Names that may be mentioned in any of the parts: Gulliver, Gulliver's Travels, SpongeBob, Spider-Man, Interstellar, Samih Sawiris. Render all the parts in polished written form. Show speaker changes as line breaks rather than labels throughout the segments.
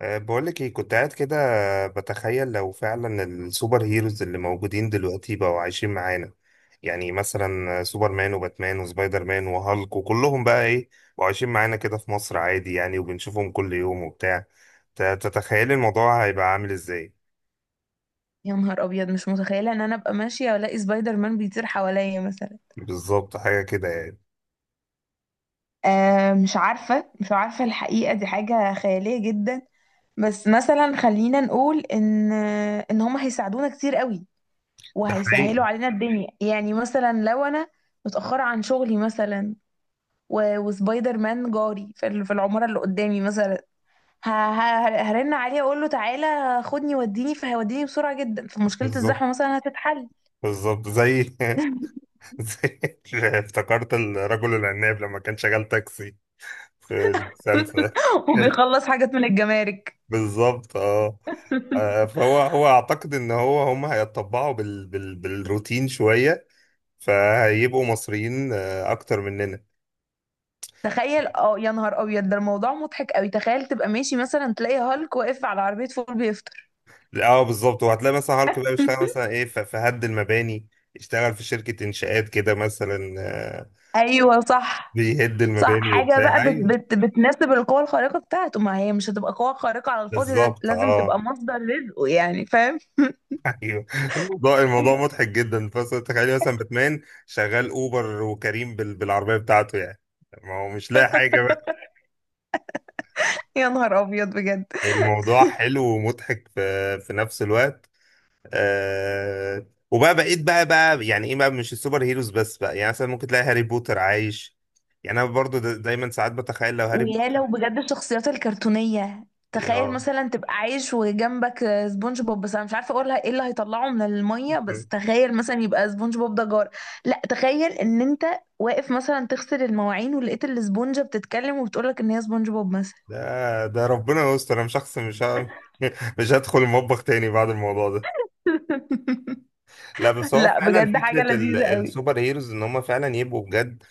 بقولك ايه كنت قاعد كده، بتخيل لو فعلا السوبر هيروز اللي موجودين دلوقتي بقوا عايشين معانا. يعني مثلا سوبر مان وباتمان وسبايدر مان وهالك وكلهم بقى ايه، بقوا عايشين معانا كده في مصر عادي يعني وبنشوفهم كل يوم وبتاع. تتخيلي الموضوع هيبقى عامل ازاي؟
يا نهار ابيض، مش متخيله ان انا ابقى ماشيه والاقي سبايدر مان بيطير حواليا مثلا.
بالظبط حاجة كده يعني.
آه، مش عارفه الحقيقه دي حاجه خياليه جدا. بس مثلا خلينا نقول ان هم هيساعدونا كتير قوي
ده
وهيسهلوا
حقيقي.
علينا الدنيا. يعني مثلا لو انا متاخره عن شغلي مثلا، وسبايدر مان جاري في العماره اللي قدامي مثلا، هرن عليه اقول له تعالى خدني وديني، فهيوديني بسرعه جدا، فمشكله
بالظبط.
الزحمه مثلا هتتحل.
بالظبط زي زي، افتكرت الرجل العناب لما كان شغال تاكسي في المسلسل.
وبيخلص حاجات من الجمارك.
بالظبط اه. فهو هو اعتقد ان هم هيتطبعوا بالروتين شويه، فهيبقوا مصريين اكتر مننا.
تخيل، اه يا نهار ابيض، ده الموضوع مضحك قوي. تخيل تبقى ماشي مثلا تلاقي هالك واقف على عربية فول بيفطر.
اه بالظبط، وهتلاقي مثلا هالك بقى بيشتغل مثلا ايه، في هد المباني. اشتغل في شركه انشاءات كده مثلا
ايوه صح.
بيهد
صح،
المباني
حاجة بقى
وبتاع،
بت
ايوه
بت بتناسب القوة الخارقة بتاعته، ما هي مش هتبقى قوة خارقة على الفاضي،
بالظبط
لازم
اه.
تبقى مصدر رزقه. يعني فاهم؟
ايوه، الموضوع مضحك جدا، بس تخيلي مثلا باتمان شغال اوبر وكريم بالعربيه بتاعته يعني. ما هو مش لاقي حاجه بقى.
يا نهار ابيض بجد.
الموضوع حلو ومضحك في نفس الوقت. آه وبقى بقيت بقى يعني ايه بقى، مش السوبر هيروز بس بقى. يعني مثلا ممكن تلاقي هاري بوتر عايش، يعني انا برضو دا دايما ساعات بتخيل لو هاري
ويا
بوتر.
لو بجد الشخصيات الكرتونية تخيل
اه،
مثلا تبقى عايش وجنبك سبونج بوب. بس انا مش عارفه اقولها ايه اللي هيطلعه من الميه. بس تخيل مثلا يبقى سبونج بوب ده جار. لا تخيل ان انت واقف مثلا تغسل المواعين ولقيت الاسبونجه بتتكلم وبتقولك ان هي سبونج بوب مثلا.
ده ربنا يستر، انا شخص مش. مش هدخل المطبخ تاني بعد الموضوع ده. لا بس هو
لا
فعلا
بجد حاجه
فكرة
لذيذه
السوبر هيروز ان هم فعلا يبقوا بجد.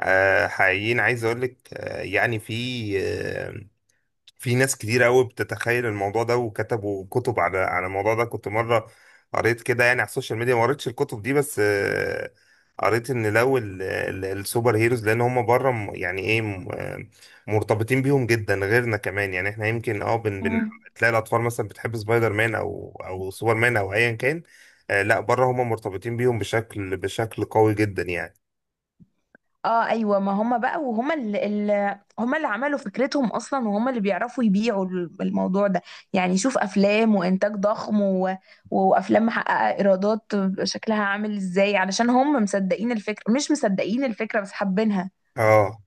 آه حقيقيين، عايز اقول لك. آه، في ناس كتير قوي بتتخيل الموضوع ده، وكتبوا كتب على الموضوع ده. كنت مرة قريت كده يعني على السوشيال ميديا، ما قريتش الكتب دي بس آه، قريت ان لو السوبر هيروز، لان هم بره، يعني ايه، مرتبطين بيهم جدا غيرنا كمان. يعني احنا يمكن اه بن بن
قوي.
تلاقي الاطفال مثلا بتحب سبايدر مان او او سوبر مان او ايا كان. لا بره هم مرتبطين بيهم بشكل قوي جدا يعني.
اه ايوه، ما هم بقى، وهم اللي عملوا فكرتهم اصلا، وهم اللي بيعرفوا يبيعوا الموضوع ده. يعني شوف افلام وانتاج ضخم، و... وافلام محققه ايرادات شكلها عامل ازاي، علشان هم مصدقين الفكره. مش مصدقين الفكره بس حابينها.
اه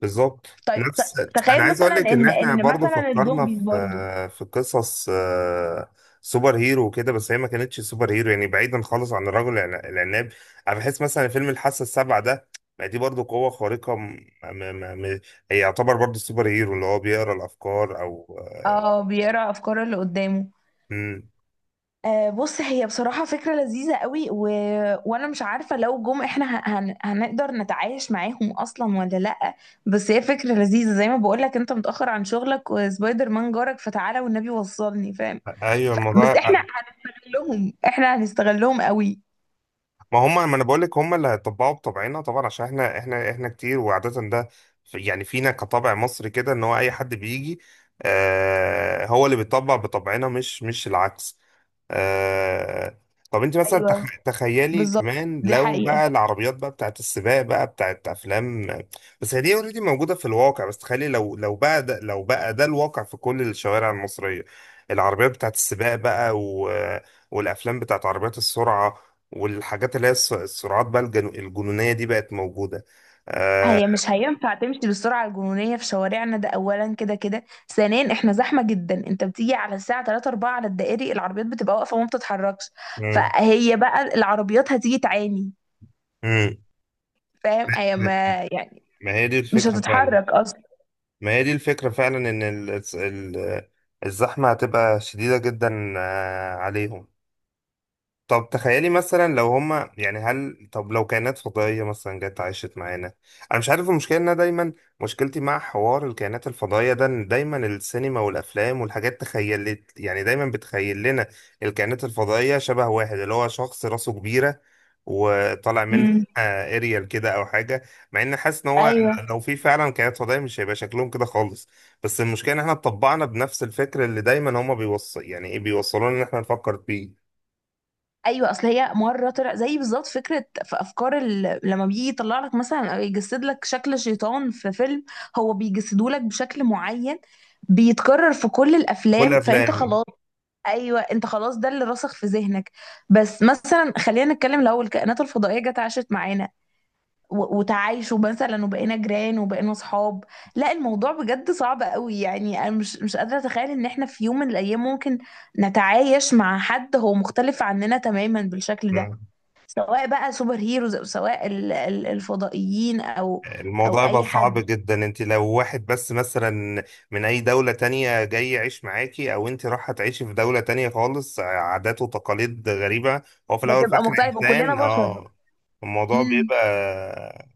بالظبط.
طيب
نفس، انا
تخيل
عايز اقول
مثلا
لك ان
ان
احنا برضو
مثلا
فكرنا
الزومبيز
في
برضو.
في قصص آه، سوبر هيرو وكده، بس هي ما كانتش سوبر هيرو يعني، بعيدا خالص عن الرجل العناب. انا بحس مثلا فيلم الحاسه السابعه ده، ما دي برضو قوه خارقه م... م... م... هي يعتبر برضو سوبر هيرو، اللي هو بيقرا الافكار او آه،
اه بيقرا افكار اللي قدامه.
مم.
آه، بص، هي بصراحة فكرة لذيذة قوي. و... وأنا مش عارفة لو جم إحنا هنقدر نتعايش معاهم أصلا ولا لأ. بس هي فكرة لذيذة، زي ما بقولك أنت متأخر عن شغلك وسبايدر مان جارك، فتعالى والنبي وصلني. فاهم؟
ايوه
ف... بس
الموضوع.
إحنا هنستغلهم، إحنا هنستغلهم قوي.
ما هم، ما انا بقول لك هم اللي هيطبقوا بطبعنا طبعا، عشان احنا كتير، وعادة ده يعني فينا كطبع مصري كده، ان هو اي حد بيجي، آه، هو اللي بيطبق بطبعنا مش العكس. آه... طب انت مثلا
أيوه
تخيلي
بالظبط،
كمان
دي
لو
حقيقة.
بقى العربيات بقى بتاعت السباق بقى بتاعت افلام. بس هي دي اوريدي موجوده في الواقع، بس تخيلي لو بقى ده، الواقع في كل الشوارع المصريه. العربيات بتاعت السباق بقى، والافلام بتاعت عربيات السرعه، والحاجات اللي هي السرعات بقى الجنونيه دي بقت موجوده. آه...
هي مش هينفع تمشي بالسرعة الجنونية في شوارعنا. ده أولا، كده كده ثانيا احنا زحمة جدا. انت بتيجي على الساعة 3 4 على الدائري، العربيات بتبقى واقفة وما بتتحركش.
مم.
فهي بقى العربيات هتيجي تعاني.
مم.
فاهم؟ هي ما يعني
ما هي دي
مش
الفكره فعلا،
هتتحرك أصلا.
ما هي دي الفكرة فعلا إن الزحمة هتبقى شديدة جدا عليهم. طب تخيلي مثلا لو هما، يعني هل، طب لو كائنات فضائية مثلا جت عاشت معانا. أنا مش عارف، المشكلة إن أنا دايما مشكلتي مع حوار الكائنات الفضائية ده، إن دايما السينما والأفلام والحاجات تخيلت، يعني دايما بتخيل لنا الكائنات الفضائية شبه واحد اللي هو شخص راسه كبيرة وطالع منها.
امم.
اريال كده أو حاجة، مع إن حاسس إن هو
ايوه.
لو في فعلا كائنات فضائية مش هيبقى شكلهم كده خالص. بس المشكلة إن إحنا اتطبعنا بنفس الفكر اللي دايما هما بيوصل، يعني إيه، بيوصلونا إن إحنا نفكر فيه.
ايوه، اصل هي مره طلع زي بالظبط فكره في افكار لما بيجي يطلع لك مثلا او يجسد لك شكل شيطان في فيلم، هو بيجسده لك بشكل معين بيتكرر في كل
كل
الافلام، فانت
افلام.
خلاص. ايوه انت خلاص، ده اللي راسخ في ذهنك. بس مثلا خلينا نتكلم، لو الكائنات الفضائيه جت عاشت معانا وتعايشوا مثلا، وبقينا جيران وبقينا صحاب. لا الموضوع بجد صعب قوي. يعني انا مش قادره اتخيل ان احنا في يوم من الايام ممكن نتعايش مع حد هو مختلف عننا تماما بالشكل ده، سواء بقى سوبر هيروز، او سواء الفضائيين، او او
الموضوع بقى
اي
صعب
حد.
جدا، انت لو واحد بس مثلا من اي دولة تانية جاي يعيش معاكي، او انت رايحة تعيشي في دولة تانية خالص، عادات وتقاليد غريبة، هو في الاول وفي
بتبقى
الاخر
مختلف، وكلنا
انسان،
بشر.
اه. الموضوع بيبقى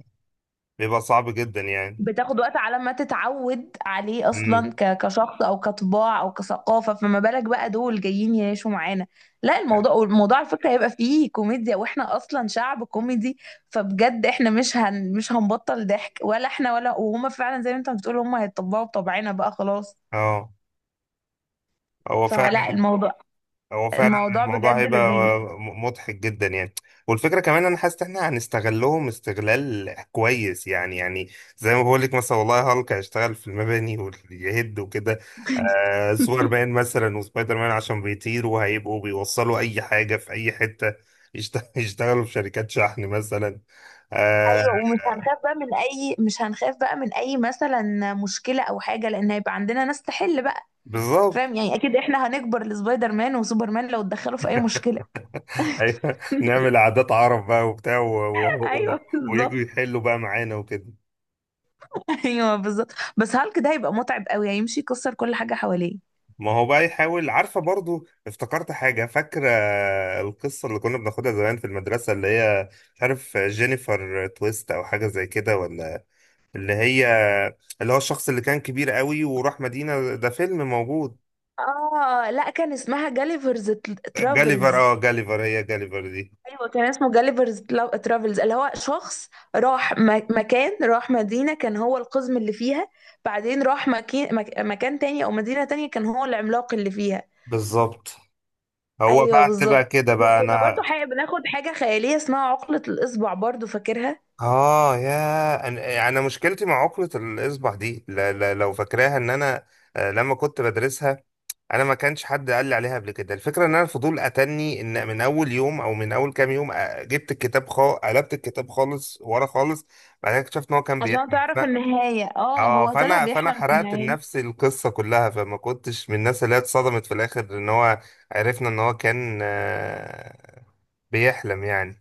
بيبقى صعب جدا يعني.
بتاخد وقت على ما تتعود عليه
امم
اصلا كشخص او كطباع او كثقافه، فما بالك بقى دول جايين يعيشوا معانا. لا الموضوع على فكره هيبقى فيه كوميديا، واحنا اصلا شعب كوميدي. فبجد احنا مش هنبطل ضحك، ولا احنا ولا وهما، فعلا زي ما انت بتقول هما هيتطبعوا بطبعنا بقى خلاص.
اه، هو فعلا
فلا الموضوع،
هو فعلا
الموضوع
الموضوع
بجد
هيبقى
لذيذ.
مضحك جدا يعني. والفكره كمان، انا حاسس ان احنا هنستغلهم استغلال كويس يعني. زي ما بقول لك، مثلا والله هالك هيشتغل في المباني ويهد وكده. سوبر مان مثلا وسبايدر مان، عشان بيطيروا هيبقوا بيوصلوا اي حاجه في اي حته. يشتغلوا في شركات شحن مثلا. آه
ايوه، ومش هنخاف بقى من اي، مش هنخاف بقى من اي مثلا مشكله او حاجه، لان هيبقى عندنا ناس تحل بقى.
بالظبط.
فاهم يعني؟ اكيد احنا هنكبر لسبايدر مان وسوبرمان لو اتدخلوا في اي مشكله.
أيوة. نعمل عادات عرب بقى وبتاع، و-
ايوه
و- ويجوا
بالظبط.
يحلوا بقى معانا وكده.
ايوه بالظبط. بس هالك ده هيبقى متعب قوي، هيمشي يكسر كل حاجه حواليه.
ما هو بقى يحاول. عارفة؟ برضو افتكرت حاجة. فاكرة القصة اللي كنا بناخدها زمان في المدرسة، اللي هي مش عارف، جينيفر تويست أو حاجة زي كده ولا؟ اللي هي اللي هو الشخص اللي كان كبير قوي وراح مدينة، ده فيلم موجود.
اه لا، كان اسمها جاليفرز
جاليفر،
ترافلز.
اه جاليفر، هي جاليفر دي.
ايوه كان اسمه جاليفرز ترافلز، اللي هو شخص راح مكان، راح مدينه كان هو القزم اللي فيها، بعدين راح مكان مكان تاني او مدينه تانية كان هو العملاق اللي فيها.
بالظبط. هو
ايوه
بقى تبقى
بالظبط.
كده بقى
وكنا
أنا.
برضو بناخد حاجه خياليه اسمها عقله الاصبع برضو، فاكرها؟
اه يا انا، يعني أنا مشكلتي مع عقدة الاصبع دي، لو فاكراها، ان انا آه، لما كنت بدرسها، انا ما كانش حد قال لي عليها قبل كده، الفكره ان انا الفضول اتني ان من اول يوم او من اول كام يوم، جبت الكتاب، قلبت الكتاب خالص ورا خالص. بعد كده اكتشفت ان هو كان
عشان
بيحكي.
تعرف النهاية، اه
اه،
هو طلع
فانا
بيحلم في
حرقت
النهاية.
لنفسي القصه كلها، فما كنتش من الناس اللي هي اتصدمت في الاخر، ان هو عرفنا ان هو كان بيحلم يعني.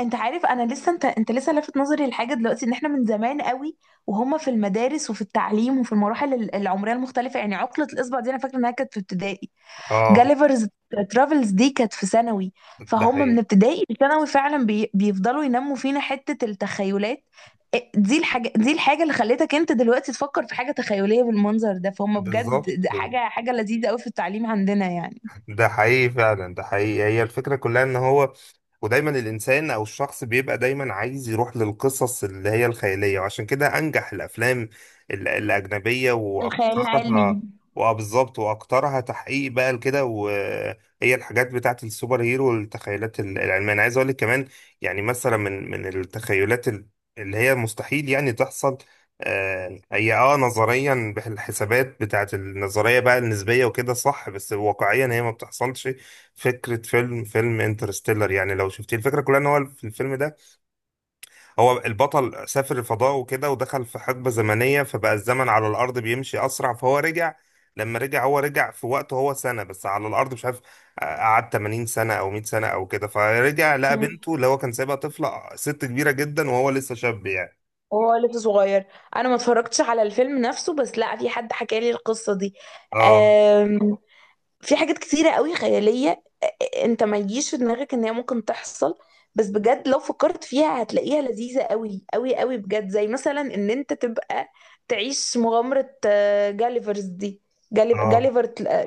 انت عارف، انا لسه انت لسه لافت نظري لحاجة دلوقتي، ان احنا من زمان قوي وهم في المدارس وفي التعليم وفي المراحل العمرية المختلفة. يعني عقلة الاصبع دي انا فاكرة انها كانت في ابتدائي،
اه
جاليفرز ترافلز دي كانت في ثانوي.
ده
فهم من
حقيقي،
ابتدائي لثانوي فعلا بيفضلوا ينموا فينا حتة التخيلات. إيه، دي الحاجة، دي الحاجة اللي خلتك انت دلوقتي تفكر في حاجة تخيلية بالمنظر ده. فهم بجد
بالظبط
ده حاجة لذيذة قوي في التعليم عندنا يعني.
ده حقيقي فعلا، ده حقيقي. هي الفكرة كلها ان هو، ودايما الانسان او الشخص بيبقى دايما عايز يروح للقصص اللي هي الخيالية، وعشان كده انجح الافلام الاجنبية
الخيال العلمي.
واكترها. واه بالظبط، واكترها تحقيق بقى لكده، وهي الحاجات بتاعت السوبر هيرو والتخيلات العلمية. انا عايز اقول لك كمان، يعني مثلا من التخيلات اللي هي مستحيل يعني تحصل. هي اه، نظريا الحسابات بتاعت النظرية بقى النسبية وكده صح، بس واقعيا هي ما بتحصلش. فكرة فيلم انترستيلر، يعني لو شفتيه، الفكرة كلها ان هو في الفيلم ده هو البطل سافر الفضاء وكده، ودخل في حقبة زمنية، فبقى الزمن على الأرض بيمشي أسرع، فهو رجع. لما رجع هو رجع في وقته هو سنة، بس على الأرض مش عارف، قعد 80 سنة أو 100 سنة أو كده، فرجع لقى
مم.
بنته اللي هو كان سايبها طفلة ست كبيرة جدا، وهو لسه شاب يعني.
وهو لسه صغير. انا ما اتفرجتش على الفيلم نفسه، بس لا، في حد حكى لي القصه دي.
اه
آم، في حاجات كتيرة قوي خيالية، آه، انت ما يجيش في دماغك ان هي ممكن تحصل، بس بجد لو فكرت فيها هتلاقيها لذيذة قوي قوي قوي بجد. زي مثلا ان انت تبقى تعيش مغامرة، آه، جاليفرز دي،
اه
جاليفر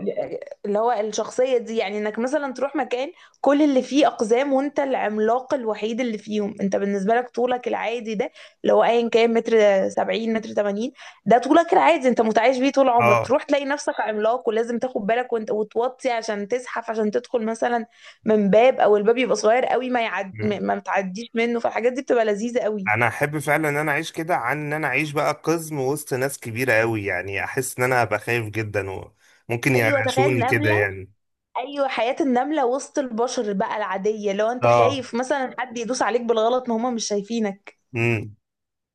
اللي هو الشخصية دي. يعني انك مثلا تروح مكان كل اللي فيه اقزام، وانت العملاق الوحيد اللي فيهم. انت بالنسبة لك طولك العادي ده، اللي هو ايا كان متر سبعين، متر تمانين، ده طولك العادي انت متعايش بيه طول عمرك،
اه،
تروح تلاقي نفسك عملاق ولازم تاخد بالك وانت وتوطي عشان تزحف، عشان تدخل مثلا من باب، او الباب يبقى صغير قوي ما يعد ما ما بتعديش منه. فالحاجات دي بتبقى لذيذة قوي.
انا احب فعلا ان انا اعيش كده، عن ان انا اعيش بقى قزم وسط ناس كبيره قوي، يعني احس ان انا هبقى خايف جدا وممكن
ايوه تخيل
يقرشوني كده
نملة.
يعني.
ايوه، حياة النملة وسط البشر بقى العادية، لو انت
اه.
خايف مثلا حد يدوس عليك بالغلط، ما هما مش شايفينك.
امم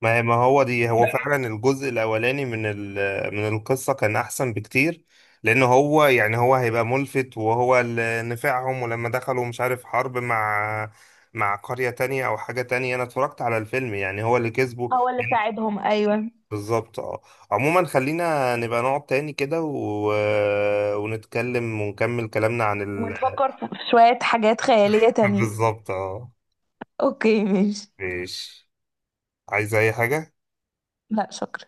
ما هو دي، هو فعلا الجزء الاولاني من من القصه كان احسن بكتير، لان هو يعني هو هيبقى ملفت، وهو اللي نفعهم. ولما دخلوا مش عارف حرب مع قريه تانية او حاجه تانية، انا اتفرجت على الفيلم، يعني هو اللي كسبه.
هو اللي ساعدهم، ايوه.
بالظبط اه. عموما خلينا نبقى نقعد تاني كده، ونتكلم ونكمل كلامنا عن ال...
ونفكر في شوية حاجات خيالية تانية.
بالظبط اه.
اوكي ماشي.
ماشي. عايز اي حاجة؟
لا شكرا.